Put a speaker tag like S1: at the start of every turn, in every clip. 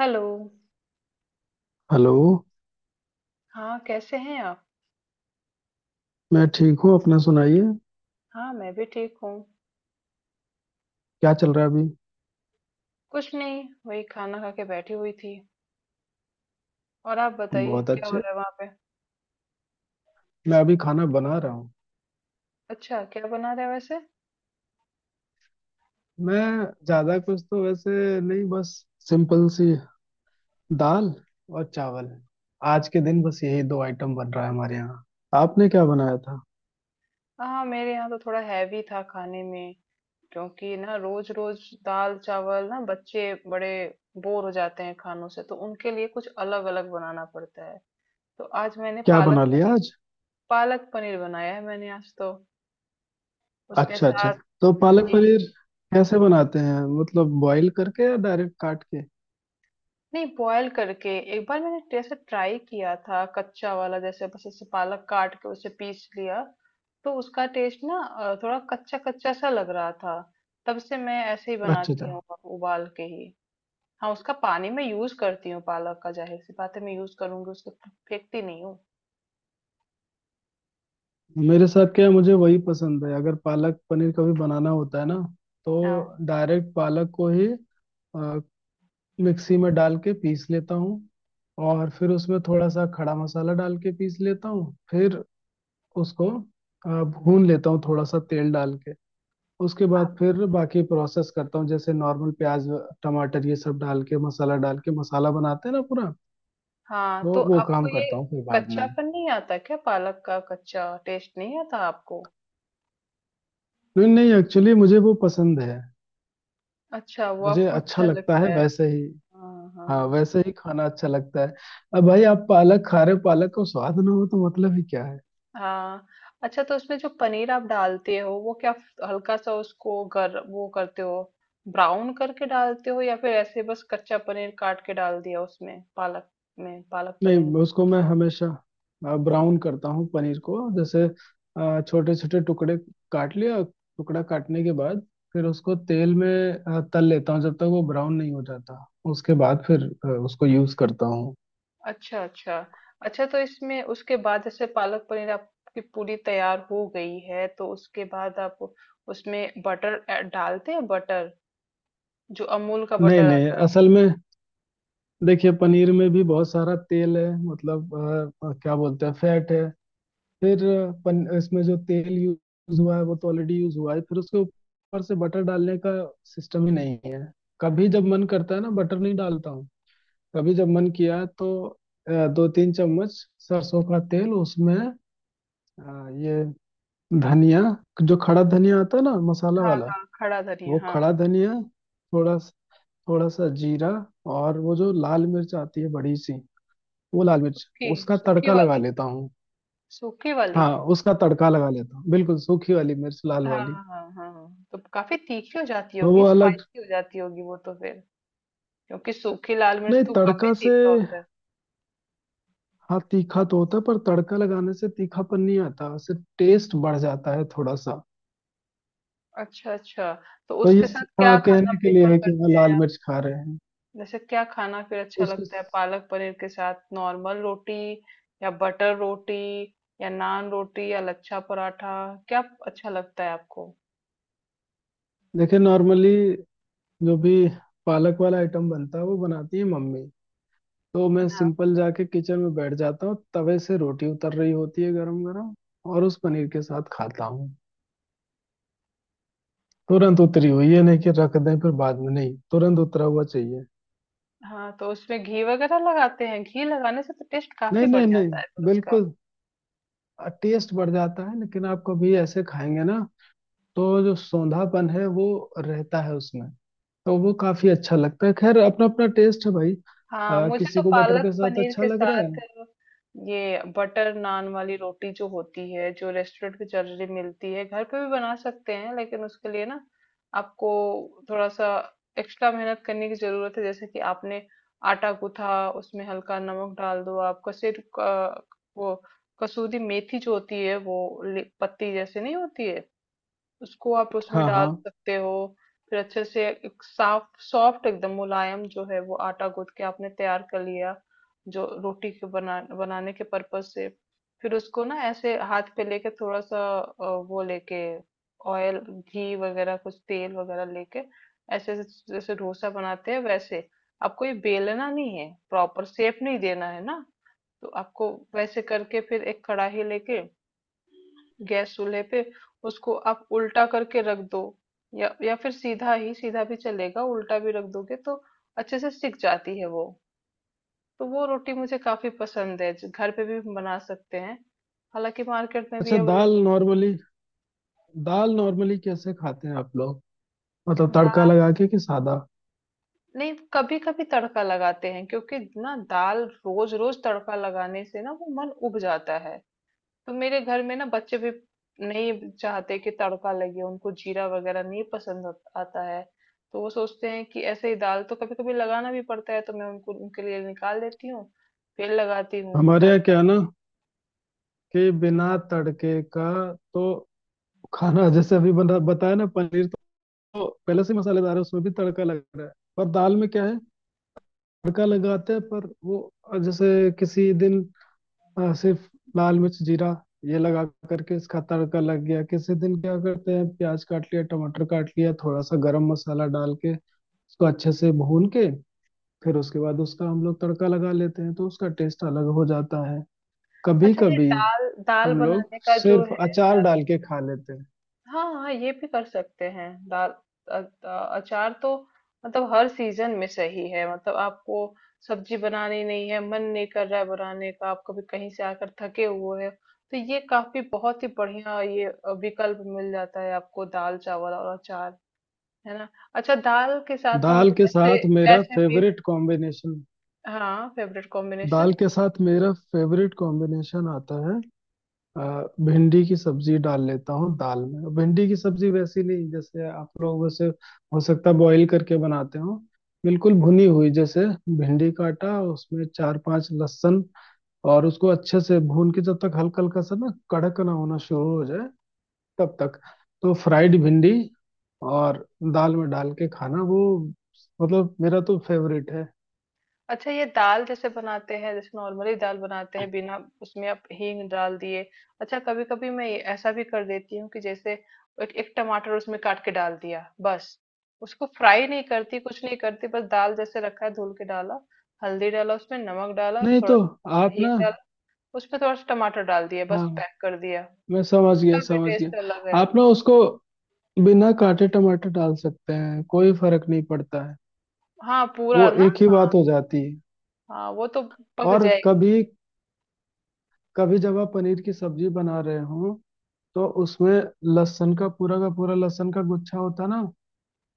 S1: Hello.
S2: Hello.
S1: हाँ, कैसे हैं आप?
S2: मैं ठीक हूँ, अपना सुनाइए।
S1: हाँ, मैं भी ठीक हूँ।
S2: क्या चल रहा है अभी?
S1: कुछ नहीं, वही खाना खा के बैठी हुई थी। और आप बताइए,
S2: बहुत
S1: क्या हो
S2: अच्छे।
S1: रहा है वहाँ पे?
S2: मैं अभी खाना बना रहा हूँ।
S1: अच्छा, क्या बना रहे हैं वैसे?
S2: मैं ज्यादा कुछ तो वैसे नहीं, बस सिंपल सी दाल और चावल। आज के दिन बस यही दो आइटम बन रहा है हमारे यहाँ। आपने क्या बनाया था?
S1: हाँ, मेरे यहाँ तो थोड़ा हैवी था खाने में, क्योंकि ना रोज रोज दाल चावल ना बच्चे बड़े बोर हो जाते हैं खानों से, तो उनके लिए कुछ अलग अलग बनाना पड़ता है। तो आज मैंने
S2: क्या
S1: पालक
S2: बना लिया
S1: पनीर,
S2: आज?
S1: पालक पनीर बनाया है मैंने आज तो, उसके
S2: अच्छा अच्छा।
S1: साथ।
S2: तो पालक
S1: जी।
S2: पनीर कैसे बनाते हैं, मतलब बॉईल करके या डायरेक्ट काट के?
S1: नहीं, बॉयल करके। एक बार मैंने जैसे ट्राई किया था कच्चा वाला, जैसे बस ऐसे पालक काट के उसे पीस लिया, तो उसका टेस्ट ना थोड़ा कच्चा कच्चा सा लग रहा था। तब से मैं ऐसे ही
S2: अच्छा अच्छा।
S1: बनाती हूँ अब, उबाल के ही। हाँ, उसका पानी में यूज करती हूँ, पालक का, जाहिर सी बात है मैं यूज करूंगी उसको, फेंकती नहीं हूँ।
S2: मेरे साथ क्या है, मुझे वही पसंद है। अगर पालक पनीर कभी बनाना होता है ना,
S1: हाँ।
S2: तो डायरेक्ट पालक को ही अ, मिक्सी में डाल के पीस लेता हूँ। और फिर उसमें थोड़ा सा खड़ा मसाला डाल के पीस लेता हूँ। फिर उसको भून लेता हूँ थोड़ा सा तेल डाल के। उसके बाद
S1: आप-
S2: फिर बाकी प्रोसेस करता हूँ, जैसे नॉर्मल प्याज टमाटर ये सब डाल के मसाला बनाते हैं ना पूरा।
S1: हाँ,
S2: तो
S1: तो
S2: वो
S1: आपको
S2: काम
S1: ये
S2: करता हूँ फिर बाद में।
S1: कच्चापन नहीं आता क्या? पालक का कच्चा टेस्ट नहीं आता आपको?
S2: नहीं नहीं, एक्चुअली मुझे वो पसंद है।
S1: अच्छा, वो
S2: मुझे
S1: आपको
S2: अच्छा
S1: अच्छा
S2: लगता है
S1: लगता है।
S2: वैसे ही।
S1: हाँ
S2: हाँ
S1: हाँ
S2: वैसे ही खाना अच्छा लगता है। अब भाई आप पालक खा रहे हो, पालक को स्वाद ना हो तो मतलब ही क्या।
S1: हाँ। अच्छा, तो उसमें जो पनीर आप डालते हो वो क्या हल्का सा उसको गर वो करते हो, ब्राउन करके डालते हो, या फिर ऐसे बस कच्चा पनीर काट के डाल दिया उसमें पालक में, पालक पनीर
S2: नहीं, उसको मैं हमेशा ब्राउन करता हूँ। पनीर को जैसे छोटे छोटे टुकड़े काट लिया, टुकड़ा काटने के बाद फिर उसको तेल में तल लेता हूँ जब तक वो ब्राउन नहीं हो जाता। उसके बाद फिर उसको यूज करता हूँ।
S1: अच्छा अच्छा। अच्छा, तो इसमें उसके बाद जैसे पालक पनीर आपकी पूरी तैयार हो गई है, तो उसके बाद आप उसमें बटर डालते हैं? बटर जो अमूल का
S2: नहीं
S1: बटर
S2: नहीं,
S1: आता है।
S2: असल में देखिए पनीर में भी बहुत सारा तेल है, मतलब क्या बोलते हैं, फैट है। फिर इसमें जो तेल यूज हुआ है वो तो ऑलरेडी यूज हुआ है, फिर उसके ऊपर से बटर डालने का सिस्टम ही नहीं है। कभी जब मन करता है ना बटर नहीं डालता हूँ। कभी जब मन किया तो 2-3 चम्मच सरसों का तेल उसमें, ये धनिया, जो खड़ा धनिया आता है ना, मसाला
S1: हाँ
S2: वाला,
S1: हाँ, खड़ा धनिया,
S2: वो
S1: हाँ।
S2: खड़ा धनिया, थोड़ा स- थोड़ा सा जीरा, और वो जो लाल मिर्च आती है बड़ी सी, वो लाल मिर्च,
S1: सूखी।
S2: उसका
S1: सूखी
S2: तड़का लगा
S1: वाली।
S2: लेता हूँ।
S1: सूखी वाली।
S2: हाँ उसका तड़का लगा लेता हूँ, बिल्कुल सूखी वाली मिर्च, लाल
S1: हाँ
S2: वाली।
S1: हाँ हाँ हाँ। तो काफी तीखी हो जाती
S2: तो
S1: होगी,
S2: वो अलग,
S1: स्पाइसी हो जाती होगी वो तो फिर, क्योंकि सूखी लाल मिर्च
S2: नहीं
S1: तो काफी
S2: तड़का से,
S1: तीखा होता है।
S2: हाँ तीखा तो होता है पर तड़का लगाने से तीखापन नहीं आता, सिर्फ टेस्ट बढ़ जाता है थोड़ा सा।
S1: अच्छा अच्छा। तो
S2: तो ये
S1: उसके साथ
S2: सिर्फ
S1: क्या
S2: हाँ
S1: खाना
S2: कहने के लिए
S1: प्रेफर
S2: है कि हाँ
S1: करते हैं
S2: लाल
S1: आप?
S2: मिर्च खा रहे हैं।
S1: जैसे क्या खाना फिर अच्छा
S2: उसके,
S1: लगता है पालक पनीर के साथ? नॉर्मल रोटी या बटर रोटी या नान रोटी या लच्छा पराठा, क्या अच्छा लगता है आपको?
S2: देखिए नॉर्मली जो भी पालक वाला आइटम बनता है वो बनाती है मम्मी। तो मैं
S1: हाँ
S2: सिंपल जाके किचन में बैठ जाता हूँ, तवे से रोटी उतर रही होती है गरम गरम और उस पनीर के साथ खाता हूँ। तुरंत उतरी हुई, ये नहीं कि रख दें फिर बाद में, नहीं तुरंत उतरा हुआ चाहिए।
S1: हाँ, तो उसमें घी वगैरह लगाते हैं? घी लगाने से तो टेस्ट काफी
S2: नहीं
S1: बढ़
S2: नहीं
S1: जाता है फिर
S2: नहीं,
S1: उसका।
S2: बिल्कुल टेस्ट बढ़ जाता है, लेकिन आप कभी ऐसे खाएंगे ना तो जो सौंधापन है वो रहता है उसमें। तो वो काफी अच्छा लगता है। खैर अपना अपना टेस्ट है भाई,
S1: हाँ, मुझे तो
S2: किसी को बटर
S1: पालक
S2: के साथ
S1: पनीर
S2: अच्छा
S1: के
S2: लग रहा है।
S1: साथ ये बटर नान वाली रोटी जो होती है, जो रेस्टोरेंट की जल्दी मिलती है, घर पे भी बना सकते हैं लेकिन उसके लिए ना आपको थोड़ा सा एक्स्ट्रा मेहनत करने की जरूरत है। जैसे कि आपने आटा गूथा, उसमें हल्का नमक डाल दो, आप वो कसूरी मेथी जो होती है वो पत्ती जैसे नहीं होती है, उसको आप उसमें
S2: हाँ
S1: डाल
S2: हाँ।
S1: सकते हो। फिर अच्छे से एक साफ सॉफ्ट एकदम मुलायम जो है वो आटा गूंथ के आपने तैयार कर लिया, जो रोटी के बनाने के पर्पज से। फिर उसको ना ऐसे हाथ पे लेके थोड़ा सा वो लेके, ऑयल घी वगैरह, कुछ तेल वगैरह लेके ऐसे ऐसे, जैसे डोसा बनाते हैं वैसे, आपको ये बेलना नहीं है, प्रॉपर शेप नहीं देना है ना। तो आपको वैसे करके फिर एक कढ़ाई लेके गैस चूल्हे पे उसको आप उल्टा करके रख दो, या फिर सीधा ही, सीधा भी चलेगा, उल्टा भी रख दोगे तो अच्छे से सिक जाती है वो। तो वो रोटी मुझे काफी पसंद है जो घर पे भी हम बना सकते हैं, हालांकि मार्केट में भी
S2: अच्छा दाल
S1: अवेलेबल।
S2: नॉर्मली दाल नॉर्मली कैसे खाते हैं आप लोग, मतलब तड़का
S1: दाल?
S2: लगा के कि सादा?
S1: नहीं, कभी कभी तड़का लगाते हैं, क्योंकि ना दाल रोज रोज तड़का लगाने से ना वो मन उब जाता है। तो मेरे घर में ना बच्चे भी नहीं चाहते कि तड़का लगे, उनको जीरा वगैरह नहीं पसंद आता है। तो वो सोचते हैं कि ऐसे ही दाल, तो कभी कभी लगाना भी पड़ता है, तो मैं उनको उनके लिए निकाल देती हूँ, फिर लगाती हूँ
S2: हमारे यहाँ
S1: तड़का।
S2: क्या है ना कि बिना तड़के का तो खाना जैसे अभी बना बताया ना पनीर, तो पहले से मसालेदार है उसमें भी तड़का लग रहा है। पर दाल में क्या है, तड़का लगाते हैं पर वो जैसे किसी दिन सिर्फ लाल मिर्च जीरा ये लगा करके इसका तड़का लग गया। किसी दिन क्या करते हैं, प्याज काट लिया टमाटर काट लिया थोड़ा सा गरम मसाला डाल के उसको अच्छे से भून के, फिर उसके बाद उसका हम लोग तड़का लगा लेते हैं, तो उसका टेस्ट अलग हो जाता है कभी
S1: अच्छा, ये
S2: कभी।
S1: दाल, दाल
S2: हम लोग
S1: बनाने का जो
S2: सिर्फ
S1: है
S2: अचार
S1: सारा।
S2: डाल के खा लेते हैं।
S1: हाँ हाँ, ये भी कर सकते हैं दाल। अचार तो मतलब हर सीजन में सही है, मतलब आपको सब्जी बनानी नहीं है, मन नहीं कर रहा है बनाने का, आप कभी कहीं से आकर थके हुए हैं, तो ये काफी बहुत ही बढ़िया ये विकल्प मिल जाता है आपको, दाल चावल और अचार। है ना? अच्छा, दाल के साथ हम
S2: दाल
S1: लोग
S2: के
S1: ऐसे,
S2: साथ मेरा
S1: ऐसे भी।
S2: फेवरेट कॉम्बिनेशन
S1: हाँ, फेवरेट
S2: दाल
S1: कॉम्बिनेशन।
S2: के साथ मेरा फेवरेट कॉम्बिनेशन आता है, भिंडी की सब्जी डाल लेता हूँ दाल में। भिंडी की सब्जी वैसी नहीं जैसे आप लोग वैसे हो सकता है बॉईल करके बनाते हो, बिल्कुल भुनी हुई जैसे। भिंडी काटा, उसमें चार पांच लहसुन और उसको अच्छे से भून के जब तक हल्का हल्का सा ना कड़क ना होना शुरू हो जाए तब तक। तो फ्राइड भिंडी और दाल में डाल के खाना, वो मतलब मेरा तो फेवरेट है।
S1: अच्छा, ये दाल जैसे बनाते हैं, जैसे नॉर्मली दाल बनाते हैं बिना, उसमें आप हींग डाल दिए। अच्छा, कभी कभी मैं ये ऐसा भी कर देती हूँ कि जैसे एक, एक टमाटर उसमें काट के डाल दिया बस, उसको फ्राई नहीं करती, कुछ नहीं करती, बस दाल जैसे रखा है धुल के डाला, हल्दी डाला, उसमें नमक डाला,
S2: नहीं
S1: थोड़ा
S2: तो
S1: सा
S2: आप
S1: हींग
S2: ना,
S1: डाला, उसमें थोड़ा सा टमाटर डाल दिया बस,
S2: हाँ
S1: पैक कर दिया।
S2: मैं समझ गया
S1: उसका भी
S2: समझ
S1: टेस्ट अलग
S2: गया,
S1: है।
S2: आप ना उसको बिना काटे टमाटर डाल सकते हैं, कोई फर्क नहीं पड़ता है,
S1: हाँ, पूरा
S2: वो
S1: ना,
S2: एक ही
S1: हाँ।
S2: बात हो जाती है।
S1: हाँ, वो तो पक
S2: और
S1: जाएगी।
S2: कभी कभी जब आप पनीर की सब्जी बना रहे हो तो उसमें लहसुन का पूरा लहसुन का गुच्छा होता है ना,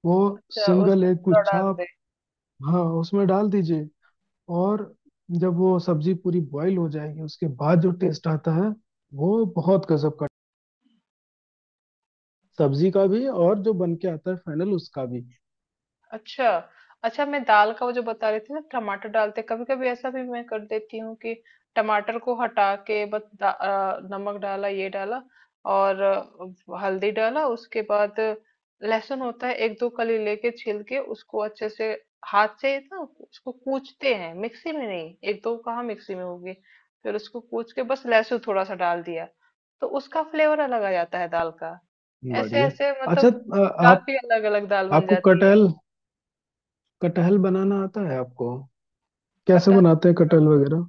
S2: वो
S1: अच्छा,
S2: सिंगल
S1: उसको
S2: एक
S1: पूरा
S2: गुच्छा,
S1: डाल।
S2: आप, हाँ उसमें डाल दीजिए। और जब वो सब्जी पूरी बॉईल हो जाएगी उसके बाद जो टेस्ट आता है वो बहुत गजब का, सब्जी का भी और जो बन के आता है फाइनल उसका भी।
S1: अच्छा अच्छा, मैं दाल का वो जो बता रही थी ना, टमाटर डालते, कभी कभी ऐसा भी मैं कर देती हूँ कि टमाटर को हटा के बस नमक डाला, ये डाला, और हल्दी डाला, उसके बाद लहसुन होता है एक दो कली लेके छील के उसको अच्छे से हाथ से ना उसको कूचते हैं, मिक्सी में नहीं, एक दो कहाँ मिक्सी में होगी, फिर उसको कूच के बस लहसुन थोड़ा सा डाल दिया, तो उसका फ्लेवर अलग आ जाता है दाल का, ऐसे
S2: बढ़िया।
S1: ऐसे
S2: अच्छा,
S1: मतलब
S2: आप,
S1: काफी अलग अलग दाल बन
S2: आपको
S1: जाती है।
S2: कटहल, कटहल बनाना आता है आपको? कैसे
S1: कटहल?
S2: बनाते हैं कटहल वगैरह?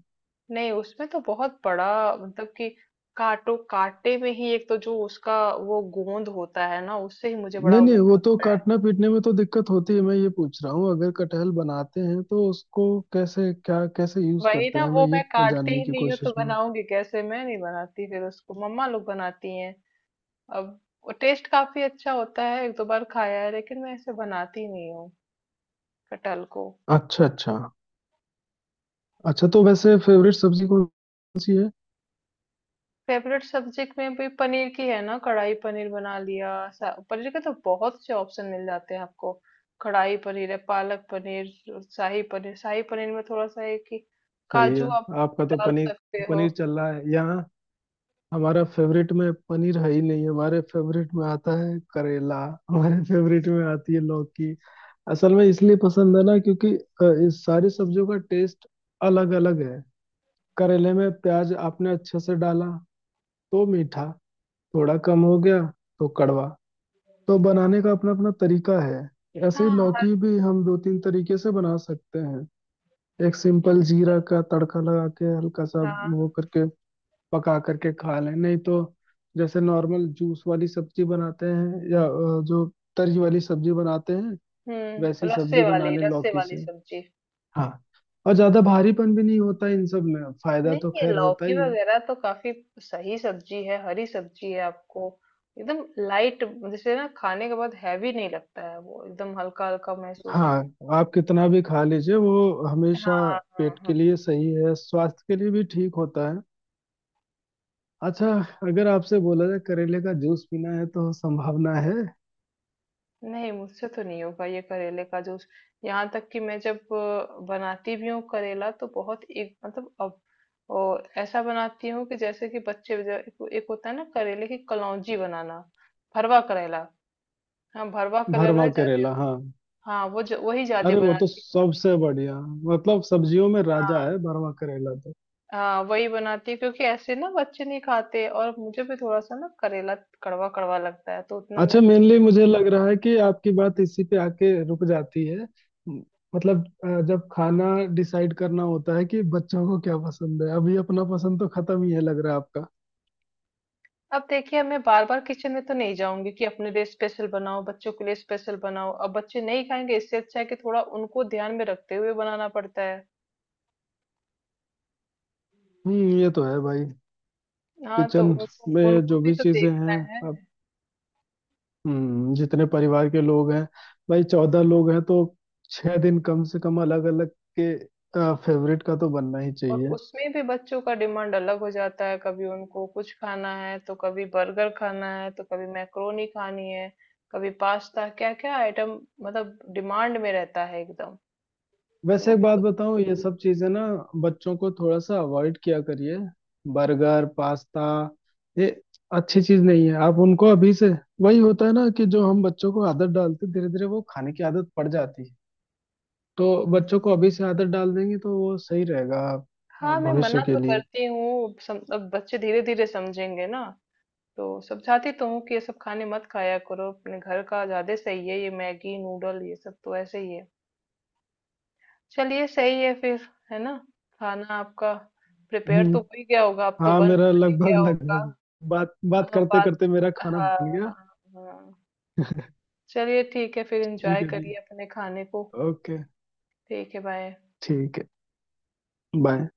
S1: नहीं, उसमें तो बहुत बड़ा मतलब कि काटो काटे में ही, एक तो जो उसका वो गोंद होता है ना, उससे ही मुझे बड़ा
S2: नहीं नहीं
S1: वो
S2: वो तो
S1: लगता है।
S2: काटना पीटने में तो दिक्कत होती है, मैं ये पूछ रहा हूँ अगर कटहल बनाते हैं तो उसको कैसे, क्या कैसे यूज
S1: वही
S2: करते
S1: ना,
S2: हैं, मैं
S1: वो मैं
S2: ये
S1: काटती
S2: जानने
S1: ही
S2: की
S1: नहीं हूँ तो
S2: कोशिश में हूँ।
S1: बनाऊंगी कैसे, मैं नहीं बनाती फिर उसको, मम्मा लोग बनाती हैं अब। वो टेस्ट काफी अच्छा होता है, एक दो बार खाया है, लेकिन मैं ऐसे बनाती नहीं हूँ कटहल को।
S2: अच्छा अच्छा। अच्छा तो वैसे फेवरेट सब्जी कौन सी है?
S1: फेवरेट सब्जेक्ट में भी पनीर की है ना, कढ़ाई पनीर बना लिया, पनीर के तो बहुत से ऑप्शन मिल जाते हैं आपको। कढ़ाई पनीर है, पालक पनीर, शाही पनीर। शाही पनीर में थोड़ा सा है कि
S2: सही है।
S1: काजू आप
S2: आपका तो
S1: डाल
S2: पनीर,
S1: सकते हो।
S2: पनीर चल रहा है यहाँ। हमारा फेवरेट में पनीर है ही नहीं, हमारे फेवरेट में आता है करेला, हमारे फेवरेट में आती है लौकी। असल में इसलिए पसंद है ना क्योंकि इस सारी सब्जियों का टेस्ट अलग अलग है। करेले में प्याज आपने अच्छे से डाला तो मीठा थोड़ा कम हो गया, तो कड़वा, तो बनाने का अपना अपना तरीका है। ऐसे ही
S1: हाँ, हर।
S2: लौकी भी हम दो तीन तरीके से बना सकते हैं। एक सिंपल जीरा का तड़का लगा के हल्का सा वो
S1: हाँ।
S2: करके पका करके खा लें, नहीं तो जैसे नॉर्मल जूस वाली सब्जी बनाते हैं या जो तरी वाली सब्जी बनाते हैं,
S1: हम्म,
S2: वैसी
S1: रस्से
S2: सब्जी बना
S1: वाली,
S2: लें
S1: रस्से
S2: लौकी
S1: वाली
S2: से।
S1: सब्जी।
S2: हाँ और ज्यादा भारीपन भी नहीं होता इन सब में, फायदा तो
S1: नहीं, ये
S2: खैर होता
S1: लौकी
S2: ही है।
S1: वगैरह तो काफी सही सब्जी है, हरी सब्जी है, आपको एकदम लाइट, जैसे ना खाने के बाद हैवी नहीं लगता है, वो एकदम हल्का हल्का महसूस
S2: हाँ
S1: होता
S2: आप कितना भी खा लीजिए वो
S1: है।
S2: हमेशा
S1: हाँ हाँ
S2: पेट
S1: हाँ।
S2: के लिए सही है, स्वास्थ्य के लिए भी ठीक होता है। अच्छा अगर आपसे बोला जाए करेले का जूस पीना है तो संभावना है।
S1: नहीं, मुझसे तो नहीं होगा ये करेले का जूस। यहाँ तक कि मैं जब बनाती भी हूँ करेला तो बहुत एक मतलब अब ऐसा बनाती हूँ कि जैसे कि बच्चे एक, एक होता है ना करेले की कलौंजी बनाना, भरवा करेला। हाँ, भरवा
S2: भरवा
S1: करेला ज्यादा।
S2: करेला, हाँ
S1: हाँ, वो वही ज्यादा
S2: अरे वो तो
S1: बनाती हूँ।
S2: सबसे बढ़िया, मतलब सब्जियों में राजा
S1: हाँ
S2: है भरवा करेला तो।
S1: हाँ, वही बनाती हूँ क्योंकि ऐसे ना बच्चे नहीं खाते, और मुझे भी थोड़ा सा ना करेला कड़वा कड़वा लगता है, तो उतना
S2: अच्छा
S1: मैं।
S2: मेनली मुझे लग रहा है कि आपकी बात इसी पे आके रुक जाती है। म- मतलब जब खाना डिसाइड करना होता है कि बच्चों को क्या पसंद है, अभी अपना पसंद तो खत्म ही है लग रहा है आपका।
S1: अब देखिए, मैं बार बार किचन में तो नहीं जाऊंगी कि अपने लिए स्पेशल बनाओ, बच्चों के लिए स्पेशल बनाओ, अब बच्चे नहीं खाएंगे, इससे अच्छा है कि थोड़ा उनको ध्यान में रखते हुए बनाना पड़ता है।
S2: ये तो है भाई।
S1: हाँ, तो
S2: किचन
S1: उनको
S2: में
S1: उनको
S2: जो
S1: भी
S2: भी
S1: तो
S2: चीजें
S1: देखना
S2: हैं,
S1: है।
S2: अब जितने परिवार के लोग हैं भाई, 14 लोग हैं, तो 6 दिन कम से कम अलग अलग के फेवरेट का तो बनना ही
S1: और
S2: चाहिए।
S1: उसमें भी बच्चों का डिमांड अलग हो जाता है, कभी उनको कुछ खाना है, तो कभी बर्गर खाना है, तो कभी मैक्रोनी खानी है, कभी पास्ता, क्या क्या आइटम मतलब डिमांड में रहता है एकदम। तो
S2: वैसे
S1: वो
S2: एक
S1: भी
S2: बात
S1: तो।
S2: बताऊं, ये सब चीजें ना बच्चों को थोड़ा सा अवॉइड किया करिए। बर्गर पास्ता ये अच्छी चीज नहीं है। आप उनको अभी से, वही होता है ना कि जो हम बच्चों को आदत डालते धीरे धीरे वो खाने की आदत पड़ जाती है, तो बच्चों को अभी से आदत डाल देंगे तो वो सही रहेगा
S1: हाँ, मैं मना
S2: भविष्य के
S1: तो
S2: लिए।
S1: करती हूँ अब बच्चे धीरे धीरे समझेंगे ना, तो समझाती तो हूँ कि ये सब खाने मत खाया करो, अपने घर का ज्यादा सही है, ये मैगी नूडल ये सब तो ऐसे ही है। चलिए, सही है फिर, है ना? खाना आपका प्रिपेयर तो हो ही
S2: हम्म
S1: गया होगा अब तो,
S2: हाँ
S1: बन
S2: मेरा
S1: बन ही
S2: लगभग
S1: गया होगा।
S2: लगभग बात बात
S1: हाँ,
S2: करते
S1: बात।
S2: करते मेरा खाना
S1: हाँ।
S2: बन गया।
S1: हाँ। हाँ। चलिए, ठीक है फिर,
S2: ठीक
S1: एंजॉय
S2: है जी।
S1: करिए अपने खाने को।
S2: ओके।
S1: ठीक है, बाय।
S2: ठीक है बाय।